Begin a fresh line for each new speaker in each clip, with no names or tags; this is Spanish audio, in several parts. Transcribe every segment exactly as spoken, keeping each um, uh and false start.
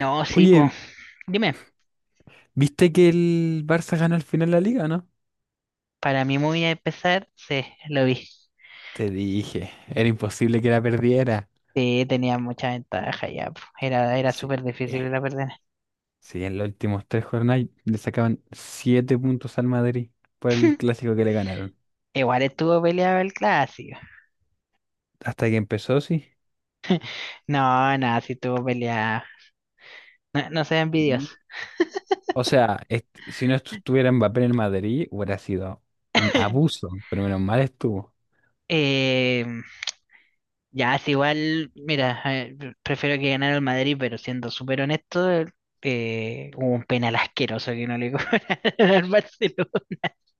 No, sí, pues.
Oye,
Dime,
¿viste que el Barça ganó al final la liga, no?
para mí muy movida empezar, sí, lo vi.
Te dije, era imposible que la perdiera.
Sí, tenía mucha ventaja ya, po. Era, era
Sí,
súper
eh,
difícil la perder.
sí, en los últimos tres jornadas le sacaban siete puntos al Madrid por el clásico que le ganaron.
Igual estuvo peleado el clásico.
Hasta que empezó, sí.
No, no, sí estuvo peleado. No, no sean
Mm.
envidiosos.
O sea, est- si no estuviera Mbappé en el Madrid, hubiera sido un abuso, pero menos mal estuvo.
Eh, ya, es igual, mira, eh, pre- prefiero que ganara el Madrid, pero siendo súper honesto, eh, hubo un penal asqueroso que no le cobraron al Barcelona.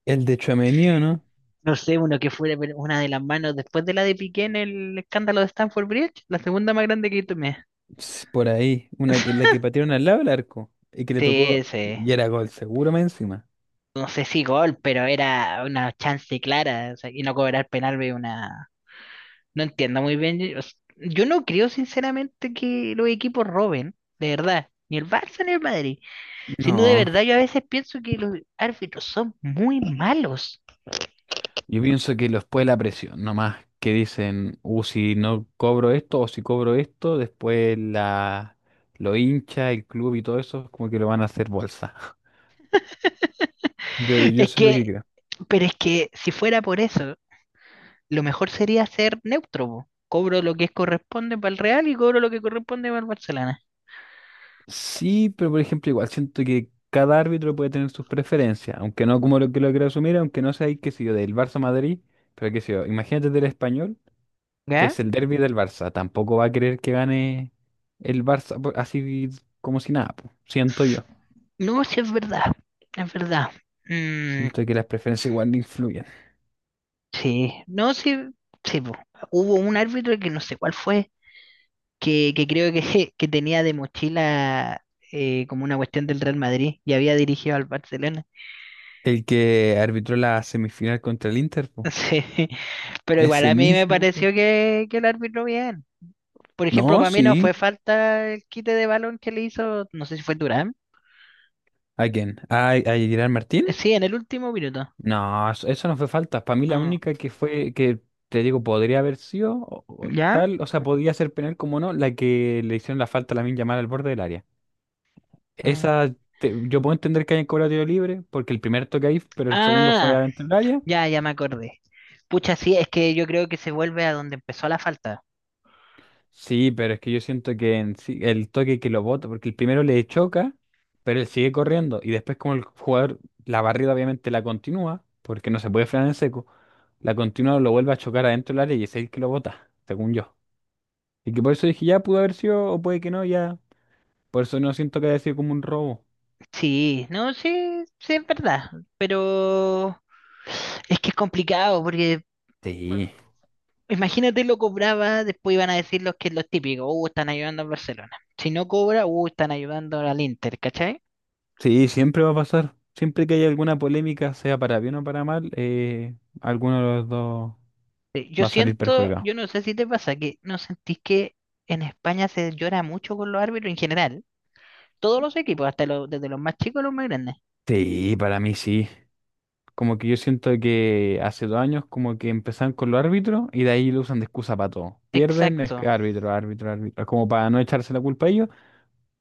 El de Tchouaméni, ¿o ¿no?
No sé, uno que fuera pero una de las manos después de la de Piqué en el escándalo de Stanford Bridge, la segunda más grande que tomé.
Ps, por ahí, una, que- la que patearon al lado del arco y que le
Sí,
tocó,
ese,
y era gol seguro más encima.
no sé si gol, pero era una chance clara, o sea, y no cobrar penal ve una... No entiendo muy bien, yo, yo no creo sinceramente que los equipos roben, de verdad, ni el Barça ni el Madrid, sino de
No.
verdad yo a veces pienso que los árbitros son muy malos.
Yo pienso que después de la presión, nomás que dicen, uh, si no cobro esto o si cobro esto, después la, lo hincha, el club y todo eso, como que lo van a hacer bolsa. Yo, yo
Es
eso es lo que
que,
creo.
pero es que si fuera por eso, lo mejor sería ser neutro, po. Cobro lo que corresponde para el Real y cobro lo que corresponde para el Barcelona.
Sí, pero por ejemplo, igual siento que cada árbitro puede tener sus preferencias, aunque no como lo que lo quiero asumir, aunque no sea, ahí, qué sé yo, del Barça Madrid, pero qué sé yo, imagínate del Español, que es
¿Ya?
el derbi del Barça, tampoco va a querer que gane el Barça po- así como si nada, po. Siento yo,
No, sí es verdad, es verdad. Mm,
siento que las preferencias igual influyen.
sí, no, sí, sí, po. Hubo un árbitro que no sé cuál fue, que, que creo que, que tenía de mochila eh, como una cuestión del Real Madrid y había dirigido al Barcelona.
El que arbitró la semifinal contra el Inter, po.
Sí, pero igual
Ese
a mí me
mismo, pues.
pareció que, que el árbitro bien. Por
No,
ejemplo, para mí no fue
sí.
falta el quite de balón que le hizo, no sé si fue Durán.
¿A quién? ¿A, a Gerard Martín?
Eh, Sí, en el último minuto.
No, eso, eso no fue falta. Para mí la
Ah,
única que fue, que te digo, podría haber sido o- o
¿Ya?
tal, o sea, podía ser penal como no, la que le hicieron la falta a Lamine Yamal al borde del área.
ah,
Esa, te- yo puedo entender que hayan cobrado tiro libre, porque el primer toque ahí, pero el segundo fue
ah,
adentro del área.
ya, ya me acordé. Pucha, sí, es que yo creo que se vuelve a donde empezó la falta.
Sí, pero es que yo siento que en sí- el toque que lo bota, porque el primero le choca, pero él sigue corriendo. Y después, como el jugador, la barrida obviamente la continúa, porque no se puede frenar en seco, la continúa, lo vuelve a chocar adentro del área y es él que lo bota, según yo. Y que por eso dije, ya pudo haber sido, o puede que no, ya. Por eso no siento que haya sido como un robo.
Sí, no, sí, sí, es verdad. Pero es que es complicado porque
Sí.
imagínate lo cobraba, después iban a decir los que los típicos, uh, están ayudando al Barcelona. Si no cobra, uh, están ayudando al Inter, ¿cachai?
Sí, siempre va a pasar. Siempre que haya alguna polémica, sea para bien o para mal, eh, alguno de los dos
Eh, Yo
va a salir
siento,
perjudicado.
yo no sé si te pasa, que no sentís que en España se llora mucho con los árbitros en general. Todos los equipos, hasta los, desde los más chicos a los más grandes.
Sí, para mí sí. Como que yo siento que hace dos años como que empezaron con los árbitros y de ahí lo usan de excusa para todo. Pierden, es
Exacto.
que árbitro, árbitro, árbitro. Como para no echarse la culpa a ellos,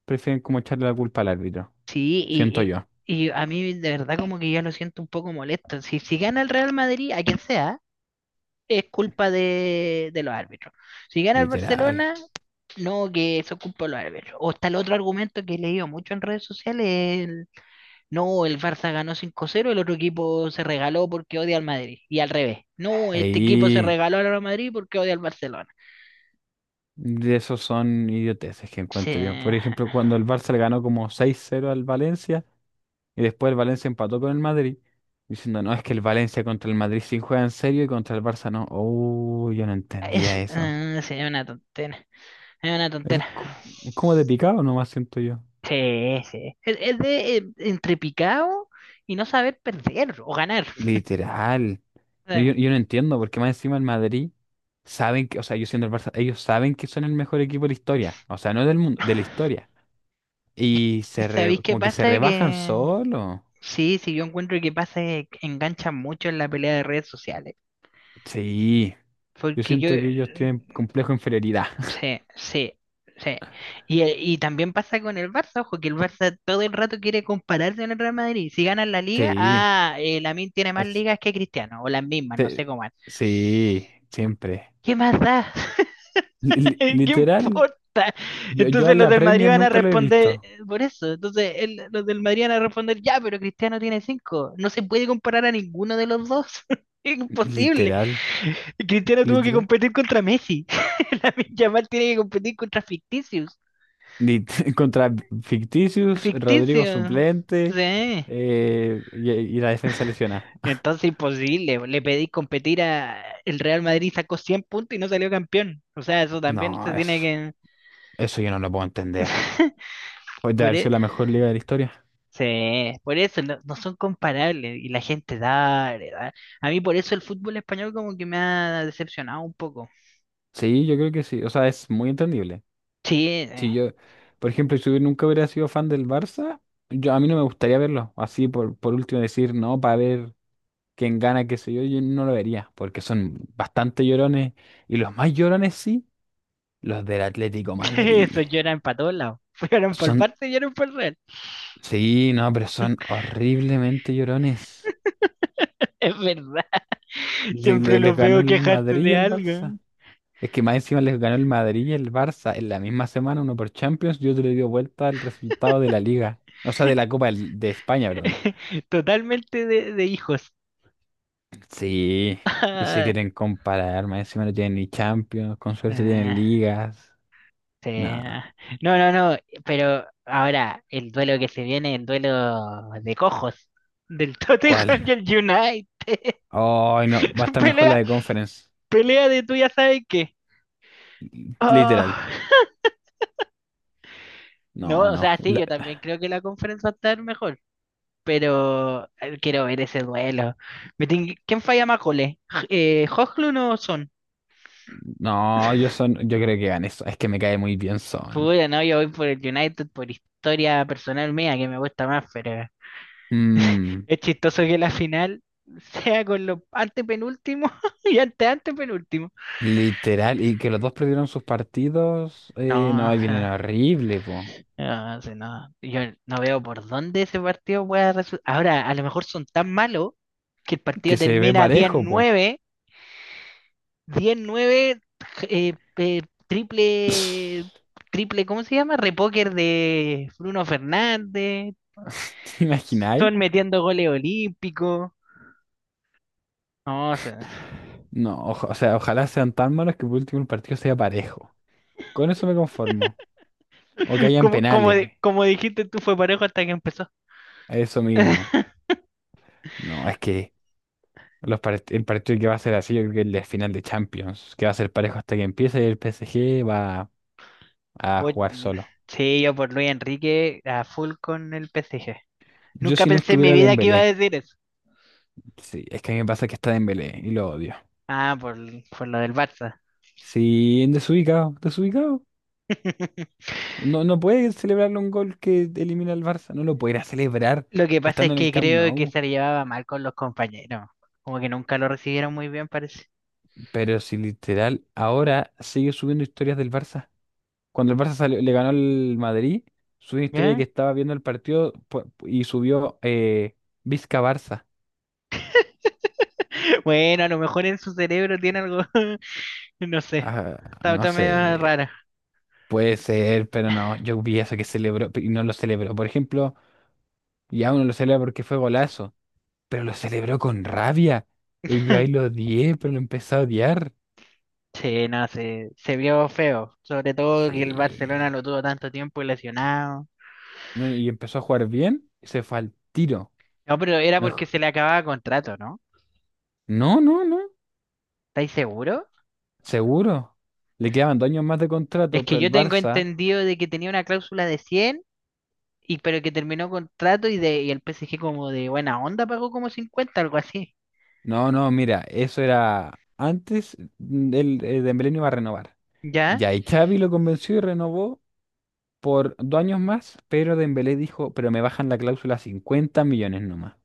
prefieren como echarle la culpa al árbitro.
Sí,
Siento
y,
yo.
y, y a mí de verdad como que ya lo siento un poco molesto. Si, si gana el Real Madrid, a quien sea, es culpa de, de los árbitros. Si gana el
Literal.
Barcelona, no, que eso es culpa de los árbitros. O está el otro argumento que he leído mucho en redes sociales, el, no, el Barça ganó cinco cero, el otro equipo se regaló porque odia al Madrid. Y al revés, no, este equipo se
Ahí
regaló al Real Madrid porque odia al Barcelona.
de esos son idioteces que
Sí,
encuentro yo. Por ejemplo, cuando el Barça le ganó como seis cero al Valencia y después el Valencia empató con el Madrid, diciendo, no, es que el Valencia contra el Madrid sí juega en serio y contra el Barça no. Oh, yo no entendía
es,
eso.
eh, sí, es una tontera. Es una
Eso es
tontera.
co- como de picado nomás siento yo.
Sí, sí. Es, es de eh, entre picado y no saber perder o ganar.
Literal.
O
No,
sea,
yo, yo no entiendo, porque más encima el Madrid saben que, o sea, yo siendo el Barça, ellos saben que son el mejor equipo de la historia. O sea, no del mundo, de la historia. Y
es
se
que ¿sabéis
re-
qué
como que se
pasa?
rebajan
Que
solo.
sí, sí, yo encuentro que pasa que enganchan mucho en la pelea de redes sociales.
Sí. Yo
Porque yo,
siento que ellos tienen complejo de inferioridad.
sí, sí, sí. Y, eh, y también pasa con el Barça, ojo, que el Barça todo el rato quiere compararse con el Real Madrid. Si ganan la liga,
Sí.
ah, eh, Lamine tiene más
es-
ligas que Cristiano, o las mismas, no sé
te-
cómo es.
sí, siempre.
¿Qué más da?
Li- li-
¿Qué
literal.
importa?
Yo, yo a
Entonces los
la
del Madrid
Premier
van a
nunca lo he visto.
responder eh, por eso. Entonces el- los del Madrid van a responder, ya, pero Cristiano tiene cinco. No se puede comparar a ninguno de los dos. Es imposible.
Literal.
Cristiano tuvo que
Literal.
competir contra Messi. Lamine Yamal tiene que competir contra ficticios.
Lit- Contra Ficticius, Rodrigo
Ficticios.
suplente
Sí.
eh, y, y la defensa lesionada.
Entonces imposible. Le pedí competir a... El Real Madrid sacó cien puntos y no salió campeón. O sea, eso también
No,
se tiene
eso,
que...
eso yo no lo puedo entender. Puede
Por
haber
e-
sido la mejor liga de la historia.
Sí, por eso no, no son comparables y la gente da, a mí por eso el fútbol español como que me ha decepcionado un poco.
Sí, yo creo que sí. O sea, es muy entendible.
Sí, eh,
Si yo, por ejemplo, si yo nunca hubiera sido fan del Barça, yo, a mí no me gustaría verlo. Así por, por último decir, no, para ver quién gana, qué sé yo, yo no lo vería. Porque son bastante llorones. Y los más llorones sí, los del Atlético
eso
Madrid.
lloran para todos lados. Lloran por el
Son
Barça y lloran por el Real.
Sí, no, pero son horriblemente llorones.
Es verdad.
Le-
Siempre
le- les
los
ganó
veo
el
quejarse
Madrid y
de
el
algo.
Barça. Es que más encima les ganó el Madrid y el Barça en la misma semana, uno por Champions y otro le dio vuelta al resultado de la Liga. O sea, de la Copa del- de España, perdón.
Totalmente de, de hijos.
Sí, y se quieren comparar, más encima no tienen ni Champions, con suerte tienen
Ah,
ligas.
sí.
No,
No, no, no. Pero ahora el duelo que se viene, el duelo de cojos del Tottenham y
¿cuál?
el United.
Ay, no, va a estar mejor la
Pelea,
de Conference.
pelea de tú ya sabes qué.
Literal.
Ah, no,
No,
o
no.
sea, sí,
La-
yo también creo que la conferencia va a estar mejor, pero eh, quiero ver ese duelo. Me tin- ¿Quién falla más goles? J- Eh, ¿Hojlund o Son?
no, yo son, yo creo que ganan eso. Es que me cae muy bien Son.
Puta, no, yo voy por el United por historia personal mía que me gusta más, pero
Mm,
es chistoso que la final sea con los antepenúltimos y ante antepenúltimos.
literal, y que los dos perdieron sus partidos,
No,
eh, no,
o
ahí viene
sea.
horrible, po.
Ah, sí, no. Yo no veo por dónde ese partido pueda resultar. Ahora, a lo mejor son tan malos que el partido
Que se ve
termina diez
parejo, po.
nueve diez nueve eh, eh, triple, triple, ¿cómo se llama? Repóker de Bruno Fernández.
¿Te imagináis?
Son metiendo goles olímpicos. No, o sea,
No, oja- o sea, ojalá sean tan malos que por último el partido sea parejo. Con eso me conformo. O que hayan
como, como, di-
penales,
como dijiste tú, fue parejo hasta que empezó.
eso mismo. No, es que los part- el partido que va a ser así, yo creo que el de final de Champions, que va a ser parejo hasta que empiece y el P S G va a
Oye,
jugar solo.
sí, yo por Luis Enrique a full con el P S G.
Yo
Nunca
si no
pensé en mi
estuviera
vida que iba a
Dembélé,
decir eso.
sí, es que a mí me pasa que está Dembélé y lo odio.
Ah, por, por lo del Barça.
Sí, en desubicado, desubicado. No, no puede celebrarle un gol que elimina al Barça. No lo puede ir a celebrar
Lo que pasa es
estando en el
que
Camp
creo que
Nou.
se le llevaba mal con los compañeros. Como que nunca lo recibieron muy bien, parece.
Pero si literal ahora sigue subiendo historias del Barça. Cuando el Barça salió- le ganó al Madrid, subió una historia de que
¿Ya?
estaba viendo el partido pu- y subió eh, Vizca Barça.
Bueno, a lo mejor en su cerebro tiene algo, no sé.
Ah,
Está,
no
está medio
sé,
rara.
puede ser, pero no. Yo vi eso que celebró y no lo celebró. Por ejemplo, y aún no lo celebra porque fue golazo, pero lo celebró con rabia. Y yo ahí lo odié, pero lo empecé a odiar.
Sí, no, se, se vio feo. Sobre todo que el Barcelona
Sí.
lo tuvo tanto tiempo lesionado.
No, y empezó a jugar bien y se fue al tiro.
No, pero era
No,
porque
ju-
se le acababa contrato, ¿no?
no, no, no,
¿Estáis seguro?
seguro. Le quedaban dos años más de
Es
contrato,
que
pero
yo
el
tengo
Barça.
entendido de que tenía una cláusula de cien. Y pero que terminó contrato y de y el P S G como de buena onda pagó como cincuenta algo así.
No, no, mira, eso era antes del eh, Dembélé no iba a renovar.
¿Ya?
Ya, y Xavi lo convenció y renovó por dos años más, pero Dembélé dijo, pero me bajan la cláusula a cincuenta millones nomás.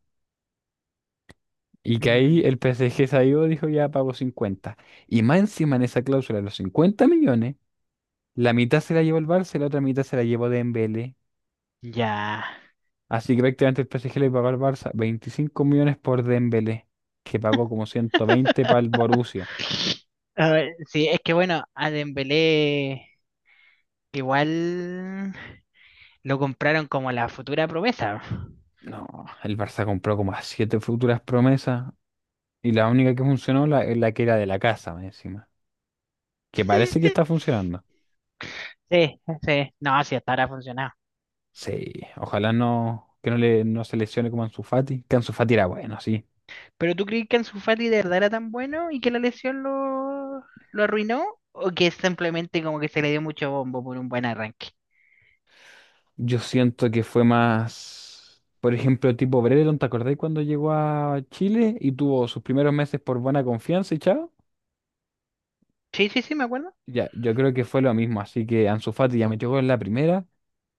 Y que ahí
Mm,
el P S G salió, dijo ya pago cincuenta. Y más encima en esa cláusula de los cincuenta millones, la mitad se la llevó el Barça y la otra mitad se la llevó Dembélé.
ya.
Así que prácticamente el P S G le pagó al Barça veinticinco millones por Dembélé, que pagó como ciento veinte para el Borussia.
A ver, sí, es que bueno, a Dembélé igual lo compraron como la futura promesa.
No, el Barça compró como a siete futuras promesas y la única que funcionó la, la que era de la casa, más encima. Que parece que está funcionando.
Sí, sí, no, sí, hasta ahora ha funcionado.
Sí, ojalá no, que no, le, no se lesione como Ansu Fati. Que Ansu Fati era bueno, sí.
¿Pero tú crees que Ansu Fati de verdad era tan bueno y que la lesión lo, lo arruinó? ¿O que simplemente como que se le dio mucho bombo por un buen arranque?
Yo siento que fue más, por ejemplo, tipo Brereton, ¿te acordás cuando llegó a Chile y tuvo sus primeros meses por buena confianza y chao?
Sí, sí, sí, me acuerdo.
Ya, yo creo que fue lo mismo, así que Ansu Fati ya metió gol en la primera,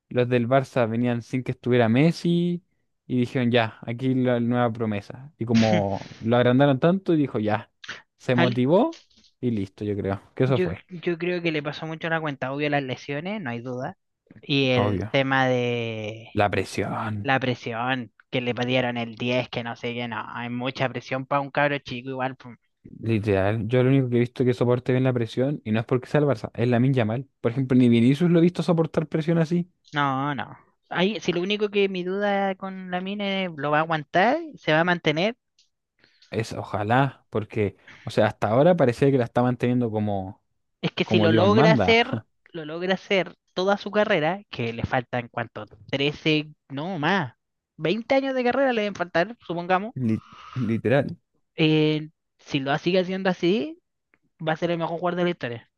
los del Barça venían sin que estuviera Messi y dijeron ya, aquí la nueva promesa. Y como lo agrandaron tanto, dijo ya, se
Al-
motivó y listo, yo creo que eso
Yo,
fue,
yo creo que le pasó mucho la cuenta, obvio las lesiones, no hay duda. Y el
obvio.
tema de
La presión.
la presión, que le dieron el diez que no sé qué, no, hay mucha presión para un cabro chico igual. Pum.
Literal, yo lo único que he visto que soporte bien la presión, y no es porque sea el Barça, es Lamine Yamal. Por ejemplo, ni Vinicius lo he visto soportar presión así.
No, no. Ahí, si lo único que mi duda con la mina es, lo va a aguantar, se va a mantener,
Es ojalá, porque, o sea, hasta ahora parecía que la está manteniendo como,
es que si
como
lo
Dios
logra hacer,
manda.
lo logra hacer toda su carrera, que le faltan cuánto, trece no más, veinte años de carrera le deben faltar, supongamos.
Li- literal,
eh, si lo sigue haciendo así, va a ser el mejor jugador de la historia.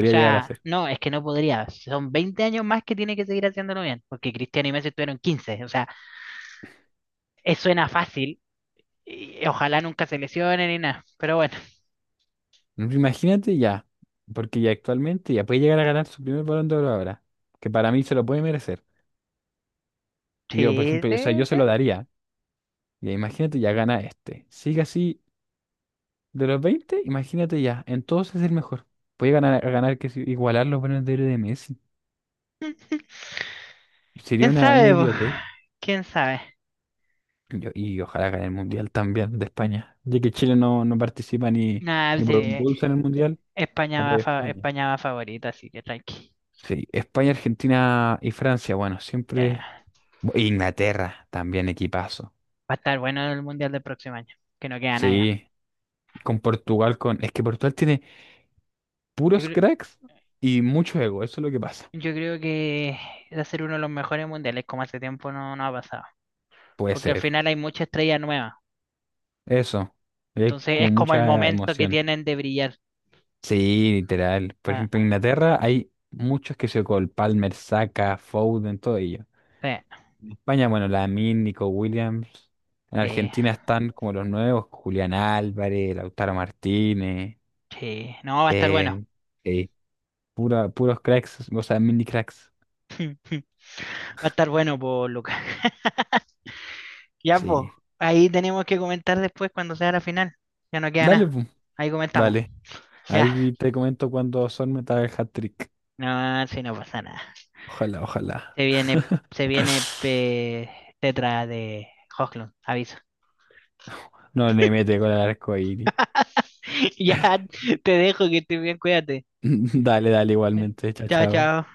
O
llegar a
sea,
ser.
no, es que no podría. Son veinte años más que tiene que seguir haciéndolo bien, porque Cristiano y Messi estuvieron quince. O sea, eso suena fácil. Y ojalá nunca se lesionen ni nada. Pero bueno,
Imagínate ya, porque ya actualmente ya puede llegar a ganar su primer Balón de Oro ahora, que para mí se lo puede merecer. Y yo, por
sí,
ejemplo, o
sí,
sea, yo se
sí.
lo daría. Y imagínate, ya gana este. Sigue así. De los veinte, imagínate ya. En todos es el mejor. Puede ganar, a ganar que si- igualar los buenos de oro de Messi. Sería
¿Quién
una, una
sabe, po?
idiotez.
¿Quién sabe?
Yo- y ojalá gane el Mundial también de España, ya que Chile no, no participa ni,
Nada,
ni por un
sí,
bolso en el Mundial,
España va,
apoya a
fa-
España.
España va favorita, así que tranqui.
Sí, España, Argentina y Francia, bueno,
Eh,
siempre. Bu- Inglaterra, también equipazo.
va a estar bueno el Mundial del próximo año, que no queda nada.
Sí, con Portugal, con. Es que Portugal tiene
Yo
puros
creo,
cracks y mucho ego, eso es lo que pasa.
yo creo que va a ser uno de los mejores mundiales, como hace tiempo no, no ha pasado.
Puede
Porque al
ser.
final hay mucha estrella nueva.
Eso. Es
Entonces es
como
como el
mucha
momento que
emoción.
tienen de brillar.
Sí, literal. Por
Ah,
ejemplo, en Inglaterra hay muchos que se con Palmer, Saka, Foden, todo ello.
sí,
En España, bueno, Lamine, Nico Williams. En
sí,
Argentina están como los nuevos, Julián Álvarez, Lautaro Martínez.
sí. No, va a estar bueno.
Eh, eh, pura- puros cracks, o sea, mini cracks.
Va a estar bueno, pues, Lucas. Ya, pues,
Sí.
ahí tenemos que comentar después cuando sea la final. Ya no queda
Dale,
nada.
pu,
Ahí comentamos.
dale.
Ya.
Ahí te comento cuando son meta el hat-trick.
No, si no pasa nada.
Ojalá, ojalá.
Se viene, se viene eh, Tetra de Hoglund, aviso.
No le mete con el arco iris.
Ya, te dejo que estés bien, cuídate.
Dale, dale igualmente. Chao,
Chao,
chao.
chao.